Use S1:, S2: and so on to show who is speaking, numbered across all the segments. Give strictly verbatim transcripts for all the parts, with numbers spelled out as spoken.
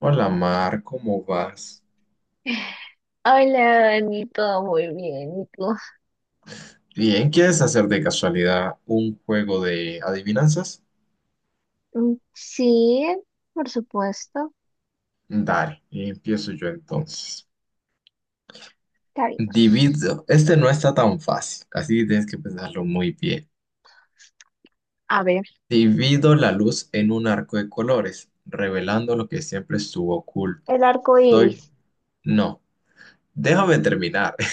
S1: Hola Mar, ¿cómo vas?
S2: Hola, Dani, todo muy bien. ¿Y tú?
S1: Bien, ¿quieres hacer de casualidad un juego de adivinanzas?
S2: Mm, Sí, por supuesto.
S1: Dale, empiezo yo entonces.
S2: Cariños.
S1: Divido, este no está tan fácil, así que tienes que pensarlo muy bien.
S2: A ver,
S1: Divido la luz en un arco de colores, revelando lo que siempre estuvo oculto.
S2: el arco
S1: Soy,
S2: iris.
S1: no, déjame terminar.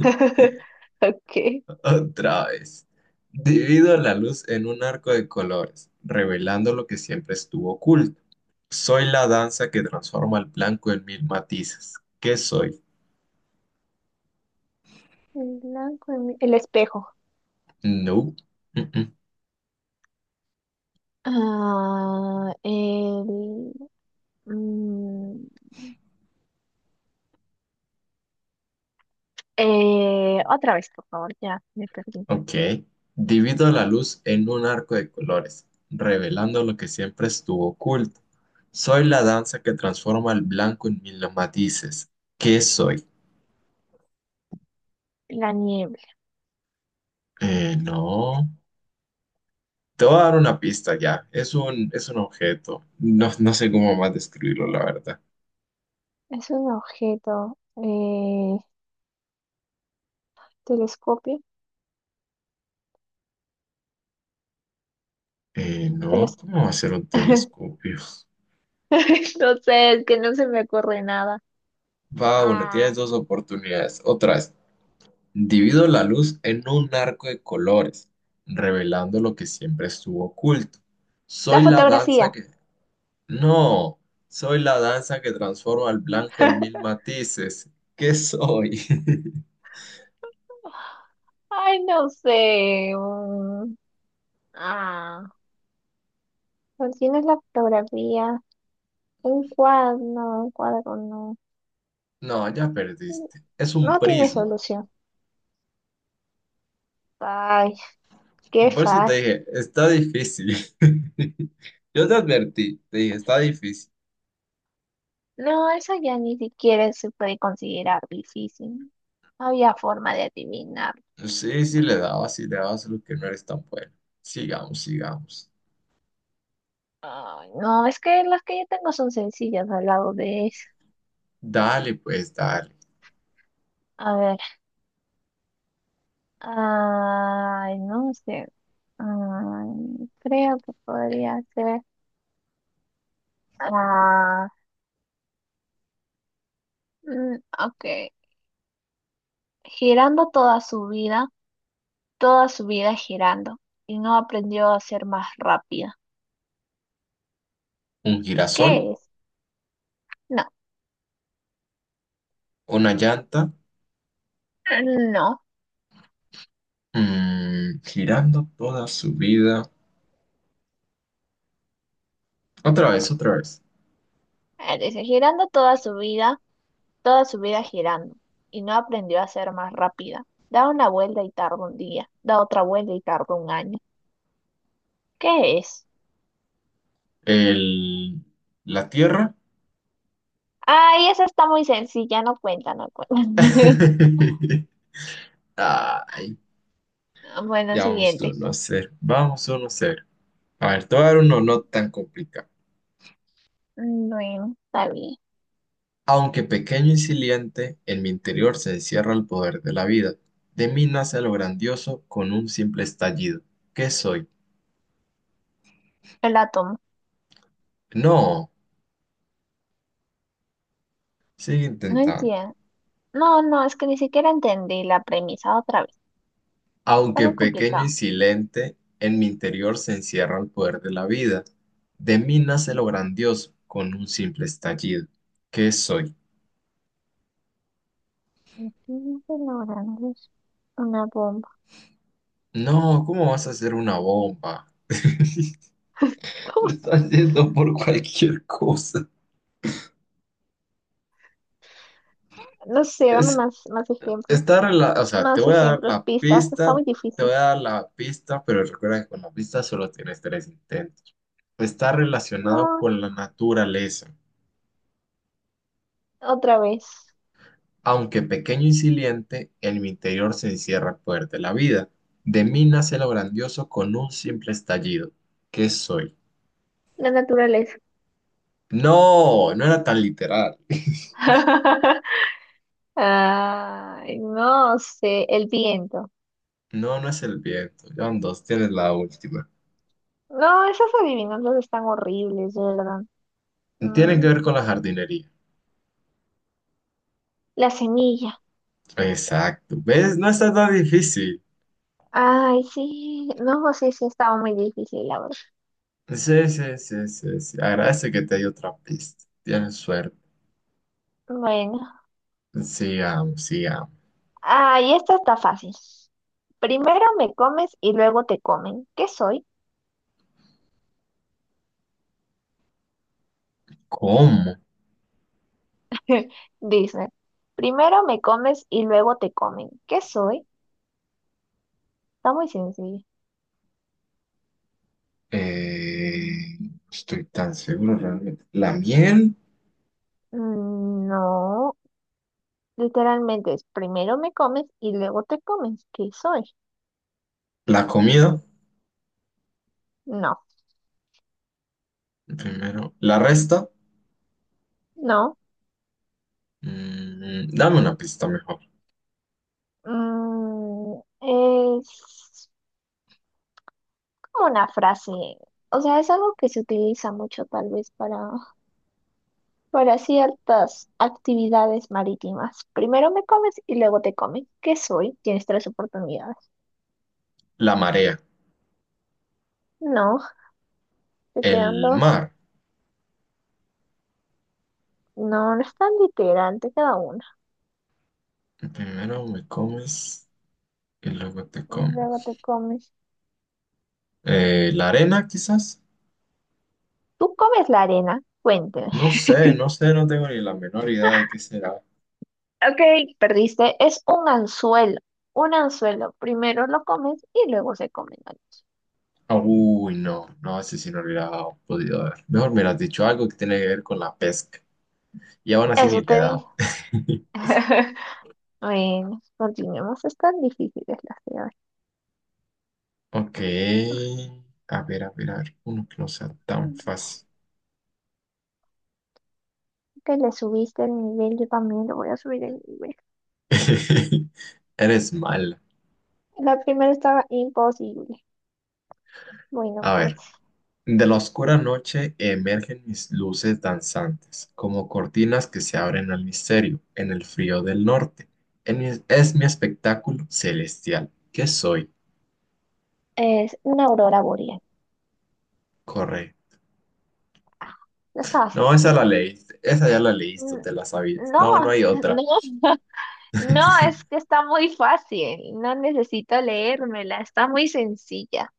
S2: Ok.
S1: Otra vez. Divido la luz en un arco de colores, revelando lo que siempre estuvo oculto. Soy la danza que transforma el blanco en mil matices. ¿Qué soy?
S2: El blanco, en mi- el espejo.
S1: No. Mm-mm.
S2: Ah, el, mm, eh, otra vez, por favor, ya me perdí.
S1: Ok. Divido la luz en un arco de colores, revelando lo que siempre estuvo oculto. Soy la danza que transforma el blanco en mil matices. ¿Qué soy?
S2: La niebla.
S1: Eh, no. Te voy a dar una pista ya. Es un, es un objeto. No, no sé cómo más describirlo, la verdad.
S2: Es un objeto. Eh, telescopio.
S1: Eh, no,
S2: teles-
S1: ¿cómo va a ser un telescopio?
S2: No sé, es que no se me ocurre nada.
S1: Va, una, tienes
S2: Ah,
S1: dos oportunidades. Otras, divido la luz en un arco de colores, revelando lo que siempre estuvo oculto.
S2: la
S1: Soy la danza
S2: fotografía.
S1: que... No, soy la danza que transforma al blanco en mil matices. ¿Qué soy?
S2: Ay, no sé. mm, Ah, ¿cuál tienes la fotografía? Un cuadro, no, un cuadro no.
S1: No, ya perdiste. Es un
S2: No tiene
S1: prisma.
S2: solución. Ay, qué
S1: Por eso te
S2: fácil.
S1: dije, está difícil. Yo te advertí, te dije, está difícil.
S2: No, eso ya ni siquiera se puede considerar difícil. No había forma de adivinar.
S1: Sí, sí le daba, sí le daba, solo que no eres tan bueno. Sigamos, sigamos.
S2: Ay, no, es que las que yo tengo son sencillas al lado de eso.
S1: Dale, pues, dale.
S2: A ver. Ay, no sé. Ay, creo que podría ser. Ah, mm, ok. Girando toda su vida, toda su vida girando, y no aprendió a ser más rápida.
S1: Un girasol,
S2: ¿Qué es? No,
S1: una llanta,
S2: no.
S1: mm, girando toda su vida. Otra vez, otra vez.
S2: Eh, Dice, girando toda su vida, toda su vida girando, y no aprendió a ser más rápida. Da una vuelta y tarda un día, da otra vuelta y tarda un año. ¿Qué es?
S1: El, la tierra.
S2: Ay, esa está muy sencilla, no cuenta, no cuenta.
S1: Ay,
S2: Bueno,
S1: ya vamos
S2: siguiente.
S1: uno a cero. Vamos uno a cero. A ver, te voy a dar uno no tan complicado.
S2: Mm, Bueno, está bien.
S1: Aunque pequeño y silente, en mi interior se encierra el poder de la vida. De mí nace lo grandioso con un simple estallido. ¿Qué soy?
S2: Yo la tomo.
S1: No, sigue
S2: No
S1: intentando.
S2: entiendo. No, no, es que ni siquiera entendí la premisa otra vez. Está
S1: Aunque
S2: muy
S1: pequeño y
S2: complicado.
S1: silente, en mi interior se encierra el poder de la vida. De mí nace lo grandioso con un simple estallido. ¿Qué soy?
S2: Estoy elaborando una bomba.
S1: No, ¿cómo vas a hacer una bomba? Te estás yendo por cualquier cosa.
S2: No sé, dame
S1: Es,
S2: más, más ejemplos.
S1: Está rela- o sea, te
S2: Más
S1: voy a dar
S2: ejemplos,
S1: la
S2: pistas. Está
S1: pista,
S2: muy
S1: te
S2: difícil.
S1: voy a dar la pista, pero recuerda que con la pista solo tienes tres intentos. Está relacionado
S2: No,
S1: con la naturaleza.
S2: otra vez.
S1: Aunque pequeño y silente, en mi interior se encierra el poder de la vida. De mí nace lo grandioso con un simple estallido. ¿Qué soy?
S2: La naturaleza.
S1: No, no era tan literal.
S2: Ay, no sé, el viento.
S1: No, no es el viento. John dos, tienes la última.
S2: No, esas adivinanzas están horribles, de verdad.
S1: Tiene que
S2: Mm,
S1: ver con la jardinería.
S2: la semilla.
S1: Exacto. ¿Ves? No está tan difícil.
S2: Ay, sí. No, sí, sí, estaba muy difícil, la verdad.
S1: Sí, sí, sí, sí, sí. Agradece que te di otra pista. Tienes suerte.
S2: Bueno.
S1: Sigamos, sigamos.
S2: Ah, y esta está fácil. Primero me comes y luego te comen. ¿Qué soy?
S1: ¿Cómo?
S2: Dice. Primero me comes y luego te comen. ¿Qué soy? Está muy sencillo.
S1: Eh, no estoy tan seguro realmente. ¿La miel?
S2: Mm, No, literalmente es primero me comes y luego te comes. ¿Qué soy?
S1: ¿La comida?
S2: No,
S1: Primero. ¿La resta?
S2: no.
S1: Mm, dame una pista mejor.
S2: Mm, es como una frase. O sea, es algo que se utiliza mucho tal vez para para ciertas actividades marítimas. Primero me comes y luego te comen. ¿Qué soy? Tienes tres oportunidades.
S1: La marea.
S2: No, te quedan
S1: El
S2: dos.
S1: mar.
S2: No, no es tan literal, te queda una.
S1: Primero me comes y luego te
S2: Y luego
S1: comes.
S2: te comes.
S1: Eh, ¿la arena quizás?
S2: ¿Tú comes la arena? Cuénteme.
S1: No sé, no sé, no tengo ni la menor idea de qué será.
S2: Ok, perdiste. Es un anzuelo. Un anzuelo. Primero lo comes y luego se comen.
S1: Uy, no, no, ese sí no lo hubiera podido ver. Mejor me hubieras dicho algo que tiene que ver con la pesca. Y aún así ni
S2: Eso
S1: le he
S2: te dije.
S1: dado.
S2: Bueno, continuemos. Están difíciles las de
S1: Ok. A ver, a ver, a ver. Uno que no sea tan
S2: hoy.
S1: fácil.
S2: Que le subiste el nivel, yo también le voy a subir el nivel.
S1: Eres mala.
S2: La primera estaba imposible. Bueno,
S1: A
S2: pues
S1: ver. De la oscura noche emergen mis luces danzantes, como cortinas que se abren al misterio, en el frío del norte. En mi- es mi espectáculo celestial. ¿Qué soy?
S2: es una aurora boreal.
S1: Corre.
S2: Ah, no estaba
S1: No, esa
S2: sencilla.
S1: la leíste, esa ya la leíste,
S2: Mm,
S1: te la sabías. No, no
S2: No,
S1: hay otra.
S2: no, no, es que está muy fácil. No necesito leérmela, está muy sencilla.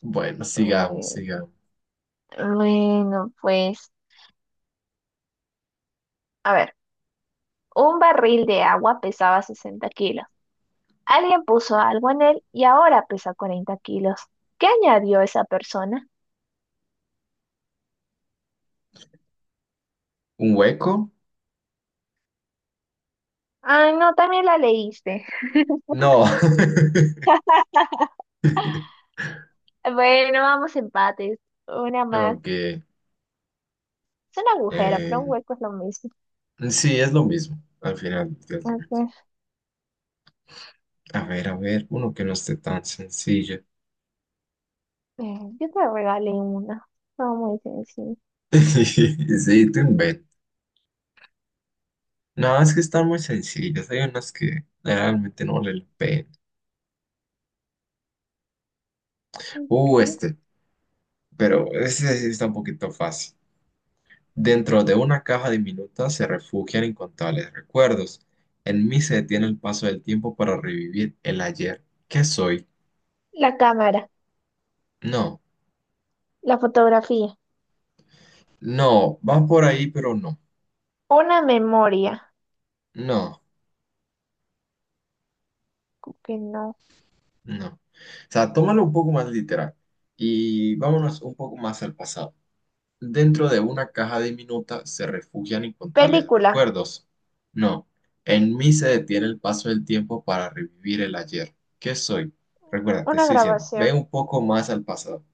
S1: Bueno, sigamos,
S2: Bueno,
S1: sigamos.
S2: bueno, pues, a ver, un barril de agua pesaba sesenta kilos. Alguien puso algo en él y ahora pesa cuarenta kilos. ¿Qué añadió esa persona?
S1: ¿Un hueco?
S2: Ah, no, también la leíste.
S1: No.
S2: Bueno, vamos empates. Una más.
S1: Aunque,
S2: Es un agujero, pero
S1: eh,
S2: un hueco es lo mismo.
S1: sí, es lo mismo. Al final es lo
S2: A
S1: mismo.
S2: ver,
S1: A ver, a ver, uno que no esté tan sencillo.
S2: eh, yo te regalé una. No, muy sencillo.
S1: Sí, te inventas. No, es que están muy sencillas. Hay unas que realmente no valen la pena.
S2: Ok.
S1: Uh, este. Pero ese sí está un poquito fácil. Dentro de una caja diminuta se refugian incontables recuerdos. En mí se detiene el paso del tiempo para revivir el ayer. ¿Qué soy?
S2: La cámara,
S1: No,
S2: la fotografía,
S1: no, va por ahí, pero no,
S2: una memoria,
S1: no,
S2: que no.
S1: no. O sea, tómalo un poco más literal y vámonos un poco más al pasado. Dentro de una caja diminuta se refugian incontables
S2: Película,
S1: recuerdos. No, en mí se detiene el paso del tiempo para revivir el ayer. ¿Qué soy? Recuerda, te
S2: una
S1: estoy diciendo, ve
S2: grabación,
S1: un poco más al pasado.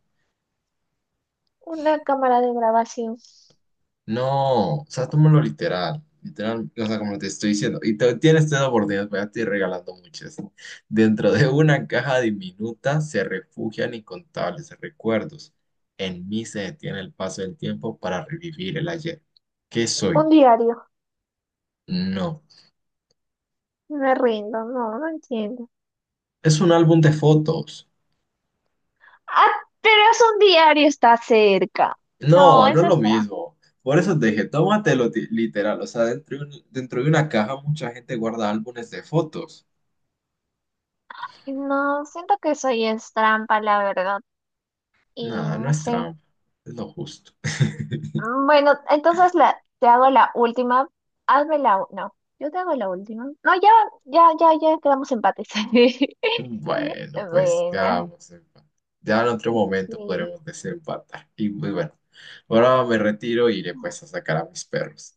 S2: una cámara de grabación,
S1: No, o sea, tómalo literal. Literal, o sea, como te estoy diciendo. Y te- tienes tres oportunidades, voy a estoy regalando muchas. ¿No? Dentro de una caja diminuta se refugian incontables recuerdos. En mí se detiene el paso del tiempo para revivir el ayer. ¿Qué soy?
S2: un diario.
S1: No.
S2: Me rindo, no, no entiendo.
S1: Es un álbum de fotos.
S2: Ah, pero es un diario, está cerca. No,
S1: No, no es
S2: eso
S1: lo
S2: es trampa.
S1: mismo. Por eso te dije, tómatelo ti- literal. O sea, dentro de un- dentro de una caja mucha gente guarda álbumes de fotos.
S2: No, siento que soy es trampa, la verdad. Y
S1: Nada, no
S2: no
S1: es
S2: sé.
S1: trampa. Es lo justo.
S2: Mm, Bueno, entonces la, te hago la última. Hazme la... u- No, yo te hago la última. No, ya, ya, ya, ya quedamos empates.
S1: Bueno, pues ya
S2: Bueno,
S1: vamos a ya en otro momento
S2: sí.
S1: podremos desempatar. Y pues bueno, ahora me retiro y iré pues a sacar a mis perros.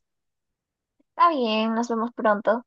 S2: Está bien, nos vemos pronto.